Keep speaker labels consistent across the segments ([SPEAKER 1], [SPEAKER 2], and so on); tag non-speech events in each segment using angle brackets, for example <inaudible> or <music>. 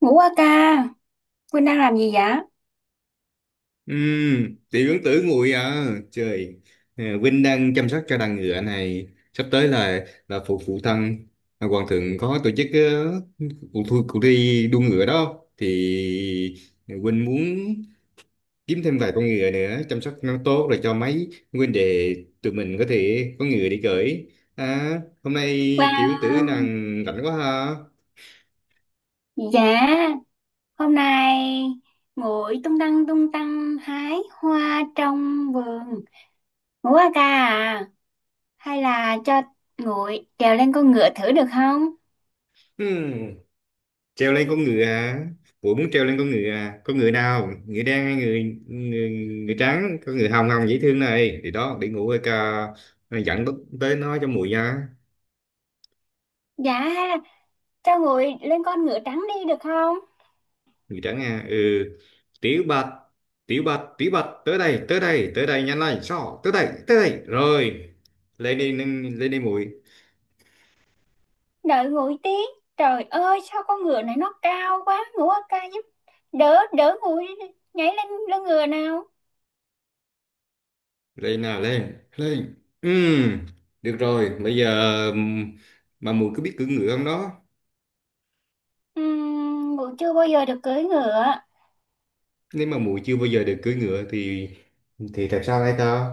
[SPEAKER 1] Ngủ qua ca, Quynh đang làm gì vậy?
[SPEAKER 2] Ừ, tiểu ứng tử nguội à. Trời. Vinh đang chăm sóc cho đàn ngựa này, sắp tới là phụ phụ thân, hoàng thượng có tổ chức, cuộc thi đua ngựa đó, thì Vinh muốn kiếm thêm vài con ngựa, nữa chăm sóc nó tốt rồi cho mấy huynh đệ tụi mình có thể có ngựa đi cưỡi. à, Hôm nay tiểu ứng tử
[SPEAKER 1] Wow,
[SPEAKER 2] nàng rảnh quá ha.
[SPEAKER 1] dạ, hôm nay ngồi tung tăng hái hoa trong vườn. Ngủ qua ca à? Hay là cho nguội trèo lên con ngựa thử được không?
[SPEAKER 2] Ừ. Treo lên con ngựa à, ủa, muốn treo lên con ngựa à? Con ngựa nào, ngựa đen hay người người, người trắng, con ngựa hồng hồng dễ thương này, thì đó để ngủ ca dẫn bức tới nó cho mùi nha.
[SPEAKER 1] Dạ, hay là cho nguội lên con ngựa trắng đi được không?
[SPEAKER 2] Người trắng à? Ừ. Tiểu bạch, tiểu bạch, tiểu bạch, tới đây, tới đây, tới đây, nhanh lên, sao, tới đây, tới đây rồi. Lên đi mùi.
[SPEAKER 1] Đợi nguội tí. Trời ơi, sao con ngựa này nó cao quá. Ngủ qua ca giúp đỡ, đỡ nguội nhảy lên lưng ngựa nào.
[SPEAKER 2] Lên nào, lên lên. Ừ, được rồi, bây giờ mà mùi có biết cưỡi ngựa không đó?
[SPEAKER 1] Nguội chưa bao giờ được cưỡi ngựa.
[SPEAKER 2] Nếu mà muội chưa bao giờ được cưỡi ngựa thì thật sao đây ta?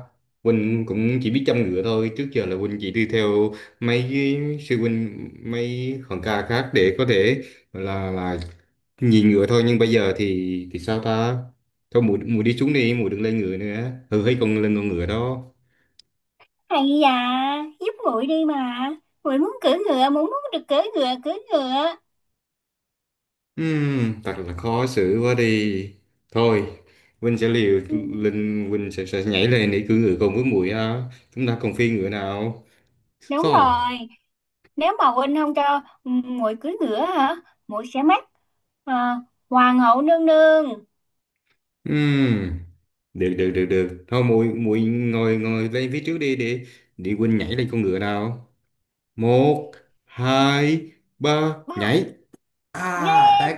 [SPEAKER 2] Huynh cũng chỉ biết chăm ngựa thôi, trước giờ là Huynh chỉ đi theo mấy cái sư huynh, mấy hòn ca khác để có thể gọi là nhìn ngựa thôi, nhưng bây giờ thì sao ta? Thôi muội muội đi xuống đi, muội đừng lên ngựa nữa, ừ, hay còn lên con ngựa đó.
[SPEAKER 1] Hay da, giúp muội đi mà. Muội muốn cưỡi ngựa, muội muốn được cưỡi ngựa, cưỡi ngựa.
[SPEAKER 2] Thật là khó xử quá đi, thôi Huynh sẽ liều
[SPEAKER 1] Ừ,
[SPEAKER 2] lên, sẽ nhảy lên để cưỡi ngựa cùng với muội ha, chúng ta còn phi ngựa nào
[SPEAKER 1] đúng
[SPEAKER 2] sao.
[SPEAKER 1] rồi, nếu mà huynh không cho ừ, muội cưỡi ngựa hả? Muội sẽ mất à, hoàng hậu nương nương.
[SPEAKER 2] Ừm, Được được được được, thôi muội muội ngồi ngồi lên phía trước đi, để Quynh nhảy lên con ngựa nào. Một, hai, ba,
[SPEAKER 1] Ba,
[SPEAKER 2] nhảy! À
[SPEAKER 1] yeah,
[SPEAKER 2] đấy,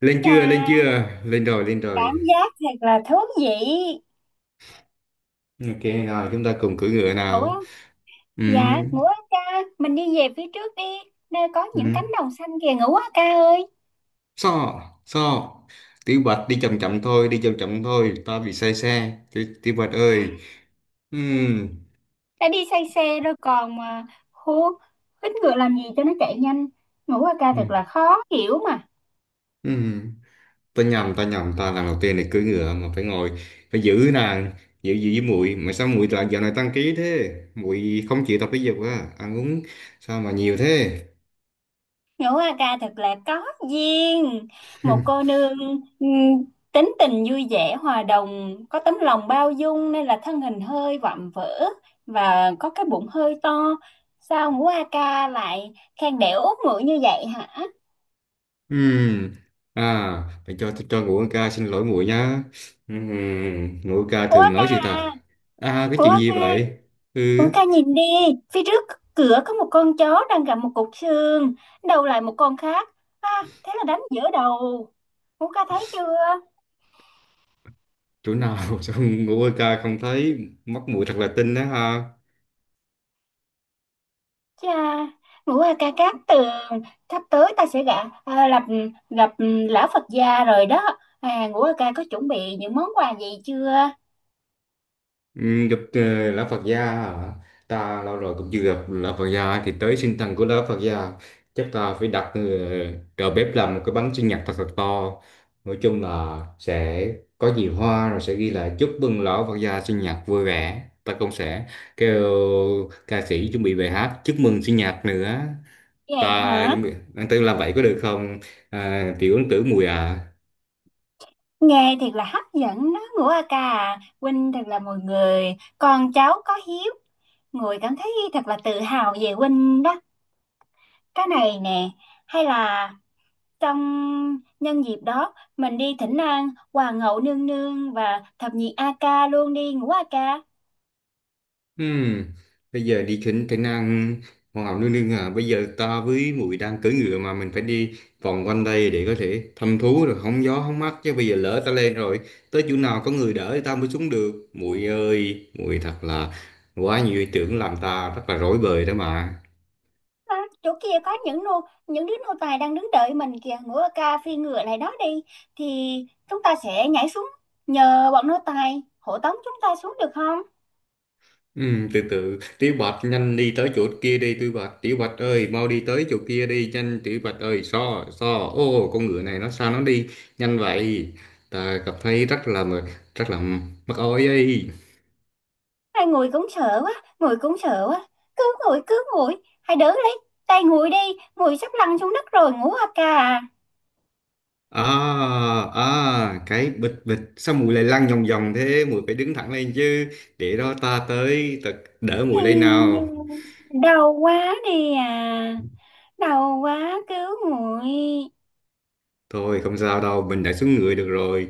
[SPEAKER 2] lên
[SPEAKER 1] chà,
[SPEAKER 2] chưa, lên chưa? Lên rồi, lên rồi.
[SPEAKER 1] cảm giác thật là thú vị.
[SPEAKER 2] Ok rồi, chúng ta cùng cưỡi ngựa
[SPEAKER 1] Ngủ á,
[SPEAKER 2] nào.
[SPEAKER 1] dạ,
[SPEAKER 2] Ừm,
[SPEAKER 1] ngủ á ca, mình đi về phía trước đi. Nơi có những cánh
[SPEAKER 2] ừm,
[SPEAKER 1] đồng xanh kìa, ngủ á ca ơi.
[SPEAKER 2] so so tiểu bạch đi chậm chậm thôi, đi chậm chậm thôi, ta bị say xe, tiểu bạch ơi. Ừm,
[SPEAKER 1] Đã đi say xe rồi còn mà hú hít ngựa làm gì cho nó chạy nhanh. Ngũ a ca thật
[SPEAKER 2] ừm,
[SPEAKER 1] là khó hiểu mà.
[SPEAKER 2] ừm. Tao nhầm, tao lần đầu tiên này cưỡi ngựa mà phải ngồi, phải giữ nàng, giữ giữ với muội, mà sao muội lại dạo này tăng ký thế, muội không chịu tập thể dục á, ăn uống sao mà nhiều thế?
[SPEAKER 1] Ngũ A Ca thật là có duyên. Một cô
[SPEAKER 2] <laughs>
[SPEAKER 1] nương, ừm, tính tình vui vẻ hòa đồng, có tấm lòng bao dung nên là thân hình hơi vạm vỡ và có cái bụng hơi to. Sao Ngũ A Ca lại khen đẻ út ngựa như vậy hả?
[SPEAKER 2] Ừm, à Phải cho, ngũ ca xin lỗi muội nhá. Ngũ ca
[SPEAKER 1] Ngũ A
[SPEAKER 2] thường
[SPEAKER 1] Ca,
[SPEAKER 2] nói gì ta? À, cái
[SPEAKER 1] Ngũ
[SPEAKER 2] chuyện
[SPEAKER 1] A
[SPEAKER 2] gì
[SPEAKER 1] Ca,
[SPEAKER 2] vậy? Ừ,
[SPEAKER 1] ủa ca nhìn đi, phía trước cửa có một con chó đang gặm một cục xương, đầu lại một con khác. À, thế là đánh giữa đầu. Ngũ ca thấy chưa?
[SPEAKER 2] chỗ nào? <laughs> Sao ngũ ca không thấy, mắt muội thật là tinh đó ha.
[SPEAKER 1] Chà, ngũ ca ca cát tường, sắp tới ta sẽ gặp, à, gặp, gặp lão Phật gia rồi đó. À, ngũ ca ca có chuẩn bị những món quà gì chưa?
[SPEAKER 2] Ừ, gặp lão Phật gia hả? Ta lâu rồi cũng chưa gặp lão Phật gia, thì tới sinh thần của lão Phật gia chắc ta phải đặt đầu bếp làm một cái bánh sinh nhật thật thật to, nói chung là sẽ có nhiều hoa, rồi sẽ ghi là chúc mừng lão Phật gia sinh nhật vui vẻ, ta cũng sẽ kêu ca sĩ chuẩn bị bài hát chúc mừng sinh nhật nữa.
[SPEAKER 1] Vậy
[SPEAKER 2] Ta
[SPEAKER 1] hả?
[SPEAKER 2] chuẩn bị anh tư làm vậy có được không, à, tiểu ấn tử mùi à?
[SPEAKER 1] Nghe thiệt là hấp dẫn đó, ngũ ca ca. À. Huynh thật là một người, con cháu có hiếu. Người cảm thấy thật là tự hào về Huynh đó. Cái này nè, hay là trong nhân dịp đó, mình đi Thỉnh An, Hoàng hậu nương nương và thập nhị A ca luôn đi Ngũ A ca.
[SPEAKER 2] Ừm, Bây giờ đi khỉnh cái năng hoàng hậu nương nương à? Bây giờ ta với muội đang cưỡi ngựa mà, mình phải đi vòng quanh đây để có thể thăm thú rồi hóng gió hóng mát chứ, bây giờ lỡ ta lên rồi, tới chỗ nào có người đỡ thì ta mới xuống được, muội ơi muội thật là quá nhiều ý tưởng làm ta rất là rối bời đó mà.
[SPEAKER 1] À, chỗ kia có những nô những đứa nô tài đang đứng đợi mình kìa, Ngũ A ca phi ngựa lại đó đi thì chúng ta sẽ nhảy xuống, nhờ bọn nô tài hộ tống chúng ta xuống được không?
[SPEAKER 2] Ừ, từ từ Tiểu Bạch, nhanh đi tới chỗ kia đi Tiểu Bạch, Tiểu Bạch ơi mau đi tới chỗ kia đi nhanh, Tiểu Bạch ơi, so so ô, con ngựa này nó sao nó đi nhanh vậy, ta cảm thấy rất là mắc oi ấy.
[SPEAKER 1] Hai người cũng sợ quá, người cũng sợ quá. Cứ ngồi, hãy đỡ lấy tay ngồi đi, ngồi sắp lăn xuống đất rồi Ngũ A ca.
[SPEAKER 2] À à, cái bịch bịch sao mùi lại lăn vòng vòng thế, mùi phải đứng thẳng lên chứ, để đó ta tới, ta đỡ mùi lên nào.
[SPEAKER 1] Ai, đau quá đi à. Đau quá cứu nguội.
[SPEAKER 2] Thôi không sao đâu, mình đã xuống người được rồi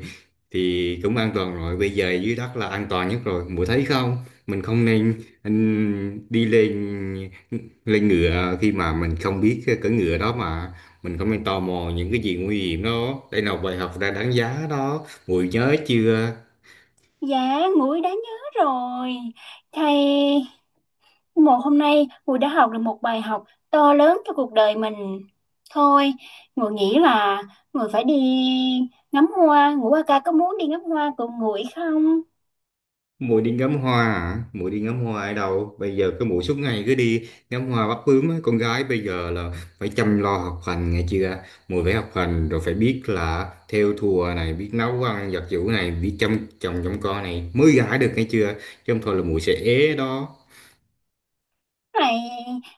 [SPEAKER 2] thì cũng an toàn rồi. Bây giờ dưới đất là an toàn nhất rồi. Muội thấy không? Mình không nên đi lên, ngựa khi mà mình không biết cái cưỡi ngựa đó mà, mình không nên tò mò những cái gì nguy hiểm đó. Đây là một bài học ra đáng giá đó. Muội nhớ chưa?
[SPEAKER 1] Dạ, nguội đã nhớ rồi. Thầy, một hôm nay nguội đã học được một bài học to lớn cho cuộc đời mình. Thôi, nguội nghĩ là nguội phải đi ngắm hoa. Ngũ ca có muốn đi ngắm hoa cùng nguội không?
[SPEAKER 2] Mũi đi ngắm hoa hả? Mũi đi ngắm hoa ở đâu? Bây giờ cái mũi suốt ngày cứ đi ngắm hoa bắt bướm á. Con gái bây giờ là phải chăm lo học hành nghe chưa? Mũi phải học hành, rồi phải biết là thêu thùa này, biết nấu ăn giặt giũ này, biết chăm chồng chăm con này mới gả được nghe chưa? Chứ không thôi là mũi sẽ ế đó.
[SPEAKER 1] Này,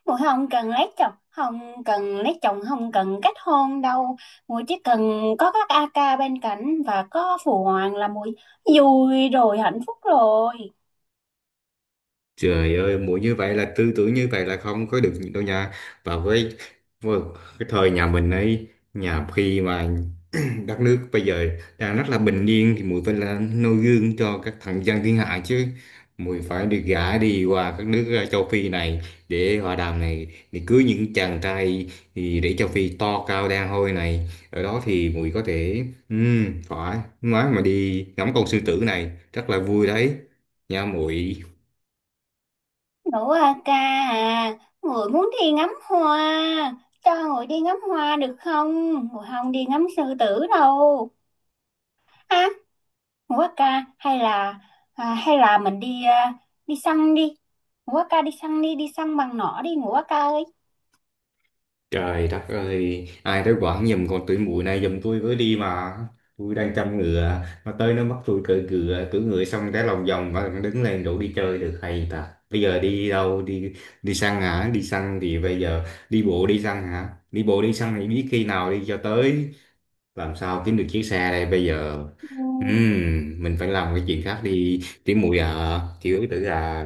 [SPEAKER 1] nguội không cần lấy chồng, không cần lấy chồng, không cần kết hôn đâu. Nguội chỉ cần có các AK bên cạnh và có phụ hoàng là nguội vui rồi, hạnh phúc rồi.
[SPEAKER 2] Trời ơi, mũi như vậy là tư tưởng như vậy là không có được đâu nha. Và với, với cái thời nhà mình ấy, nhà khi mà <clears throat> đất nước bây giờ đang rất là bình yên thì muội phải là noi gương cho các thằng dân thiên hạ chứ, muội phải được gả đi qua các nước, châu Phi này để hòa đàm này, để cưới những chàng trai thì, để châu Phi to cao đen hôi này, ở đó thì muội có thể phải nói mà đi ngắm con sư tử này rất là vui đấy nha muội.
[SPEAKER 1] Nữ à ca à, người muốn đi ngắm hoa, cho người đi ngắm hoa được không? Người không đi ngắm sư tử đâu. À, nữ à ca, hay là à, hay là mình đi à, đi săn đi. Nữ à ca đi săn đi, đi săn bằng nỏ đi nữ à ca ơi.
[SPEAKER 2] Trời đất ơi, ai tới quảng giùm con tuổi mụi này giùm tôi với đi mà. Tôi đang chăm ngựa, mà tới nó bắt tôi cưỡi ngựa xong cái lòng vòng mà nó đứng lên đủ đi chơi được hay ta. Bây giờ đi đâu, đi đi săn hả? Đi săn thì bây giờ đi bộ đi săn hả? Đi bộ đi săn thì biết khi nào đi cho tới, làm sao kiếm được chiếc xe đây bây giờ.
[SPEAKER 1] Ừ,
[SPEAKER 2] Mình phải làm cái chuyện khác đi, tỉ muội à, kiểu tử à.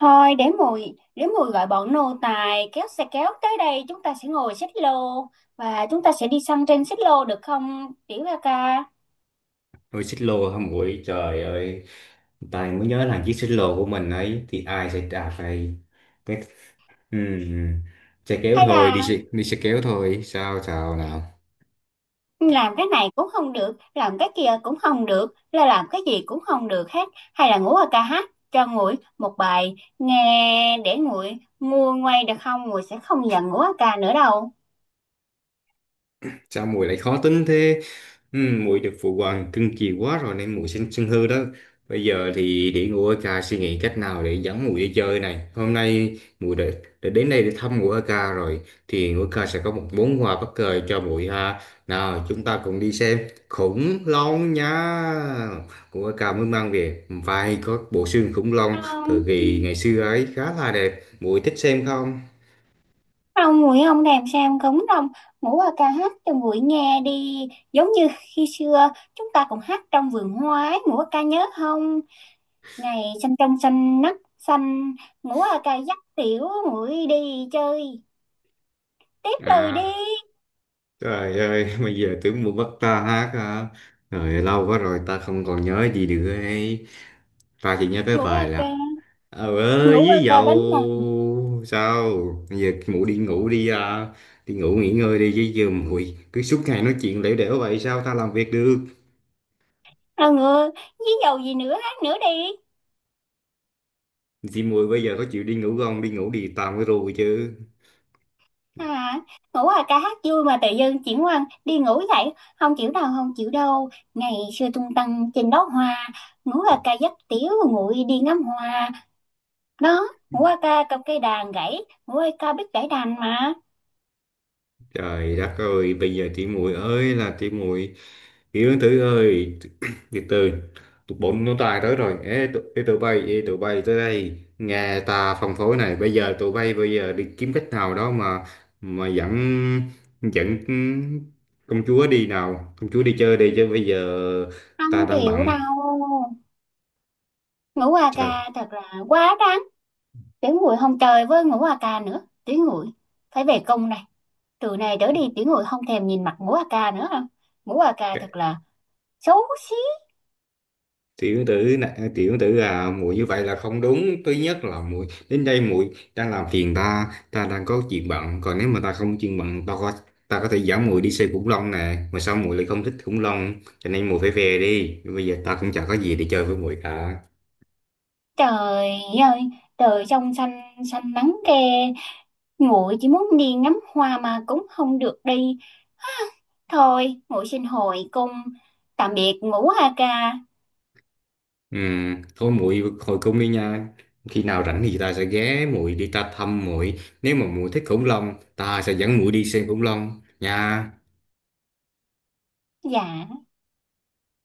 [SPEAKER 1] thôi để mùi gọi bọn nô tài kéo xe kéo tới đây, chúng ta sẽ ngồi xích lô và chúng ta sẽ đi săn trên xích lô được không? Tiểu ca ca.
[SPEAKER 2] Ôi xích lô hả muội, trời ơi, tài mới nhớ là chiếc xích lô của mình ấy thì ai sẽ đạp này, cái ừm, xe kéo
[SPEAKER 1] Hay
[SPEAKER 2] thôi,
[SPEAKER 1] là
[SPEAKER 2] đi xe kéo thôi, sao sao nào.
[SPEAKER 1] làm cái này cũng không được, làm cái kia cũng không được, là làm cái gì cũng không được hết, hay là ngủ ở ca hát cho nguội một bài nghe để nguội nguôi ngoai được không? Nguội sẽ không giận ngủ ở ca nữa đâu.
[SPEAKER 2] Sao muội lại khó tính thế? Ừ, muội được phụ hoàng cưng chiều quá rồi nên muội sinh sân hư đó. Bây giờ thì để ngồi ca suy nghĩ cách nào để dẫn muội đi chơi này. Hôm nay đã đến đây để thăm ngũ ca rồi thì ngũ ca sẽ có một món quà bất ngờ cho muội ha. Nào, chúng ta cùng đi xem khủng long nha. Ngũ ca mới mang về vài có bộ xương khủng long thời
[SPEAKER 1] không
[SPEAKER 2] kỳ ngày xưa ấy khá là đẹp. Muội thích xem không?
[SPEAKER 1] không nguội không thèm sang cống đâu. Ngủ ở ca hát cho nguội nghe đi, giống như khi xưa chúng ta cũng hát trong vườn hoa ấy, ngủ ở ca nhớ không? Ngày xanh trong xanh nắng xanh, ngủ ở ca dắt tiểu nguội đi chơi, tiếp lời đi.
[SPEAKER 2] À, trời ơi, <laughs> bây giờ tưởng muốn bắt ta hát hả? Rồi lâu quá rồi ta không còn nhớ gì được ấy. Ta chỉ nhớ cái
[SPEAKER 1] Ngủ ở
[SPEAKER 2] bài
[SPEAKER 1] ca,
[SPEAKER 2] là ờ ơi
[SPEAKER 1] ngủ qua
[SPEAKER 2] với
[SPEAKER 1] ca đánh nè.
[SPEAKER 2] dầu sao? Bây giờ mụ đi ngủ đi à. Đi ngủ nghỉ ngơi đi chứ, giờ muội cứ suốt ngày nói chuyện lẻo đẻo vậy sao ta làm việc được?
[SPEAKER 1] À ngựa với dầu gì nữa, hát nữa đi.
[SPEAKER 2] Chị muội bây giờ có chịu đi ngủ không? Đi ngủ đi tạm với rồi chứ.
[SPEAKER 1] À, ngủ qua ca hát vui mà tự dưng chuyển qua đi ngủ dậy, không chịu đâu, không chịu đâu. Ngày xưa tung tăng trên đó hoa, ngủ qua ca dắt tiểu nguội đi ngắm hoa đó. Ngủ qua ca cầm cây đàn gãy, ngủ qua ca biết gãy đàn mà.
[SPEAKER 2] Trời đất ơi, bây giờ tí muội ơi là tí muội, Yến Tử ơi, <clears throat> từ từ, tụi bốn nó tài tới rồi. Ê, tụi bay, ê, tụi bay tới đây. Nghe ta phân phối này, bây giờ tụi bay bây giờ đi kiếm cách nào đó mà dẫn dẫn công chúa đi nào, công chúa đi chơi đi chứ bây giờ
[SPEAKER 1] không
[SPEAKER 2] ta đang
[SPEAKER 1] chịu
[SPEAKER 2] bận.
[SPEAKER 1] đâu Ngủ qua
[SPEAKER 2] Sao?
[SPEAKER 1] ca thật là quá đáng. Tiểu nguội không chơi với ngủ qua ca nữa. Tiểu nguội phải về công này. Từ này trở đi tiểu người không thèm nhìn mặt ngũ a ca nữa hả. Ngũ a ca thật là xấu xí.
[SPEAKER 2] Tiểu tử này, tiểu tử à, muội như vậy là không đúng, thứ nhất là muội đến đây muội đang làm phiền ta, ta đang có chuyện bận, còn nếu mà ta không chuyện bận ta có thể dẫn muội đi xem khủng long nè, mà sao muội lại không thích khủng long, cho nên muội phải về đi, bây giờ ta cũng chẳng có gì để chơi với muội cả.
[SPEAKER 1] Trời ơi, trời trong xanh, xanh nắng ke, muội chỉ muốn đi ngắm hoa mà cũng không được đi. Thôi muội xin hồi cung, tạm biệt ngũ a ca.
[SPEAKER 2] Ừ, thôi muội hồi cung đi nha, khi nào rảnh thì ta sẽ ghé muội đi, ta thăm muội, nếu mà muội thích khủng long ta sẽ dẫn muội đi xem khủng long nha.
[SPEAKER 1] Dạ.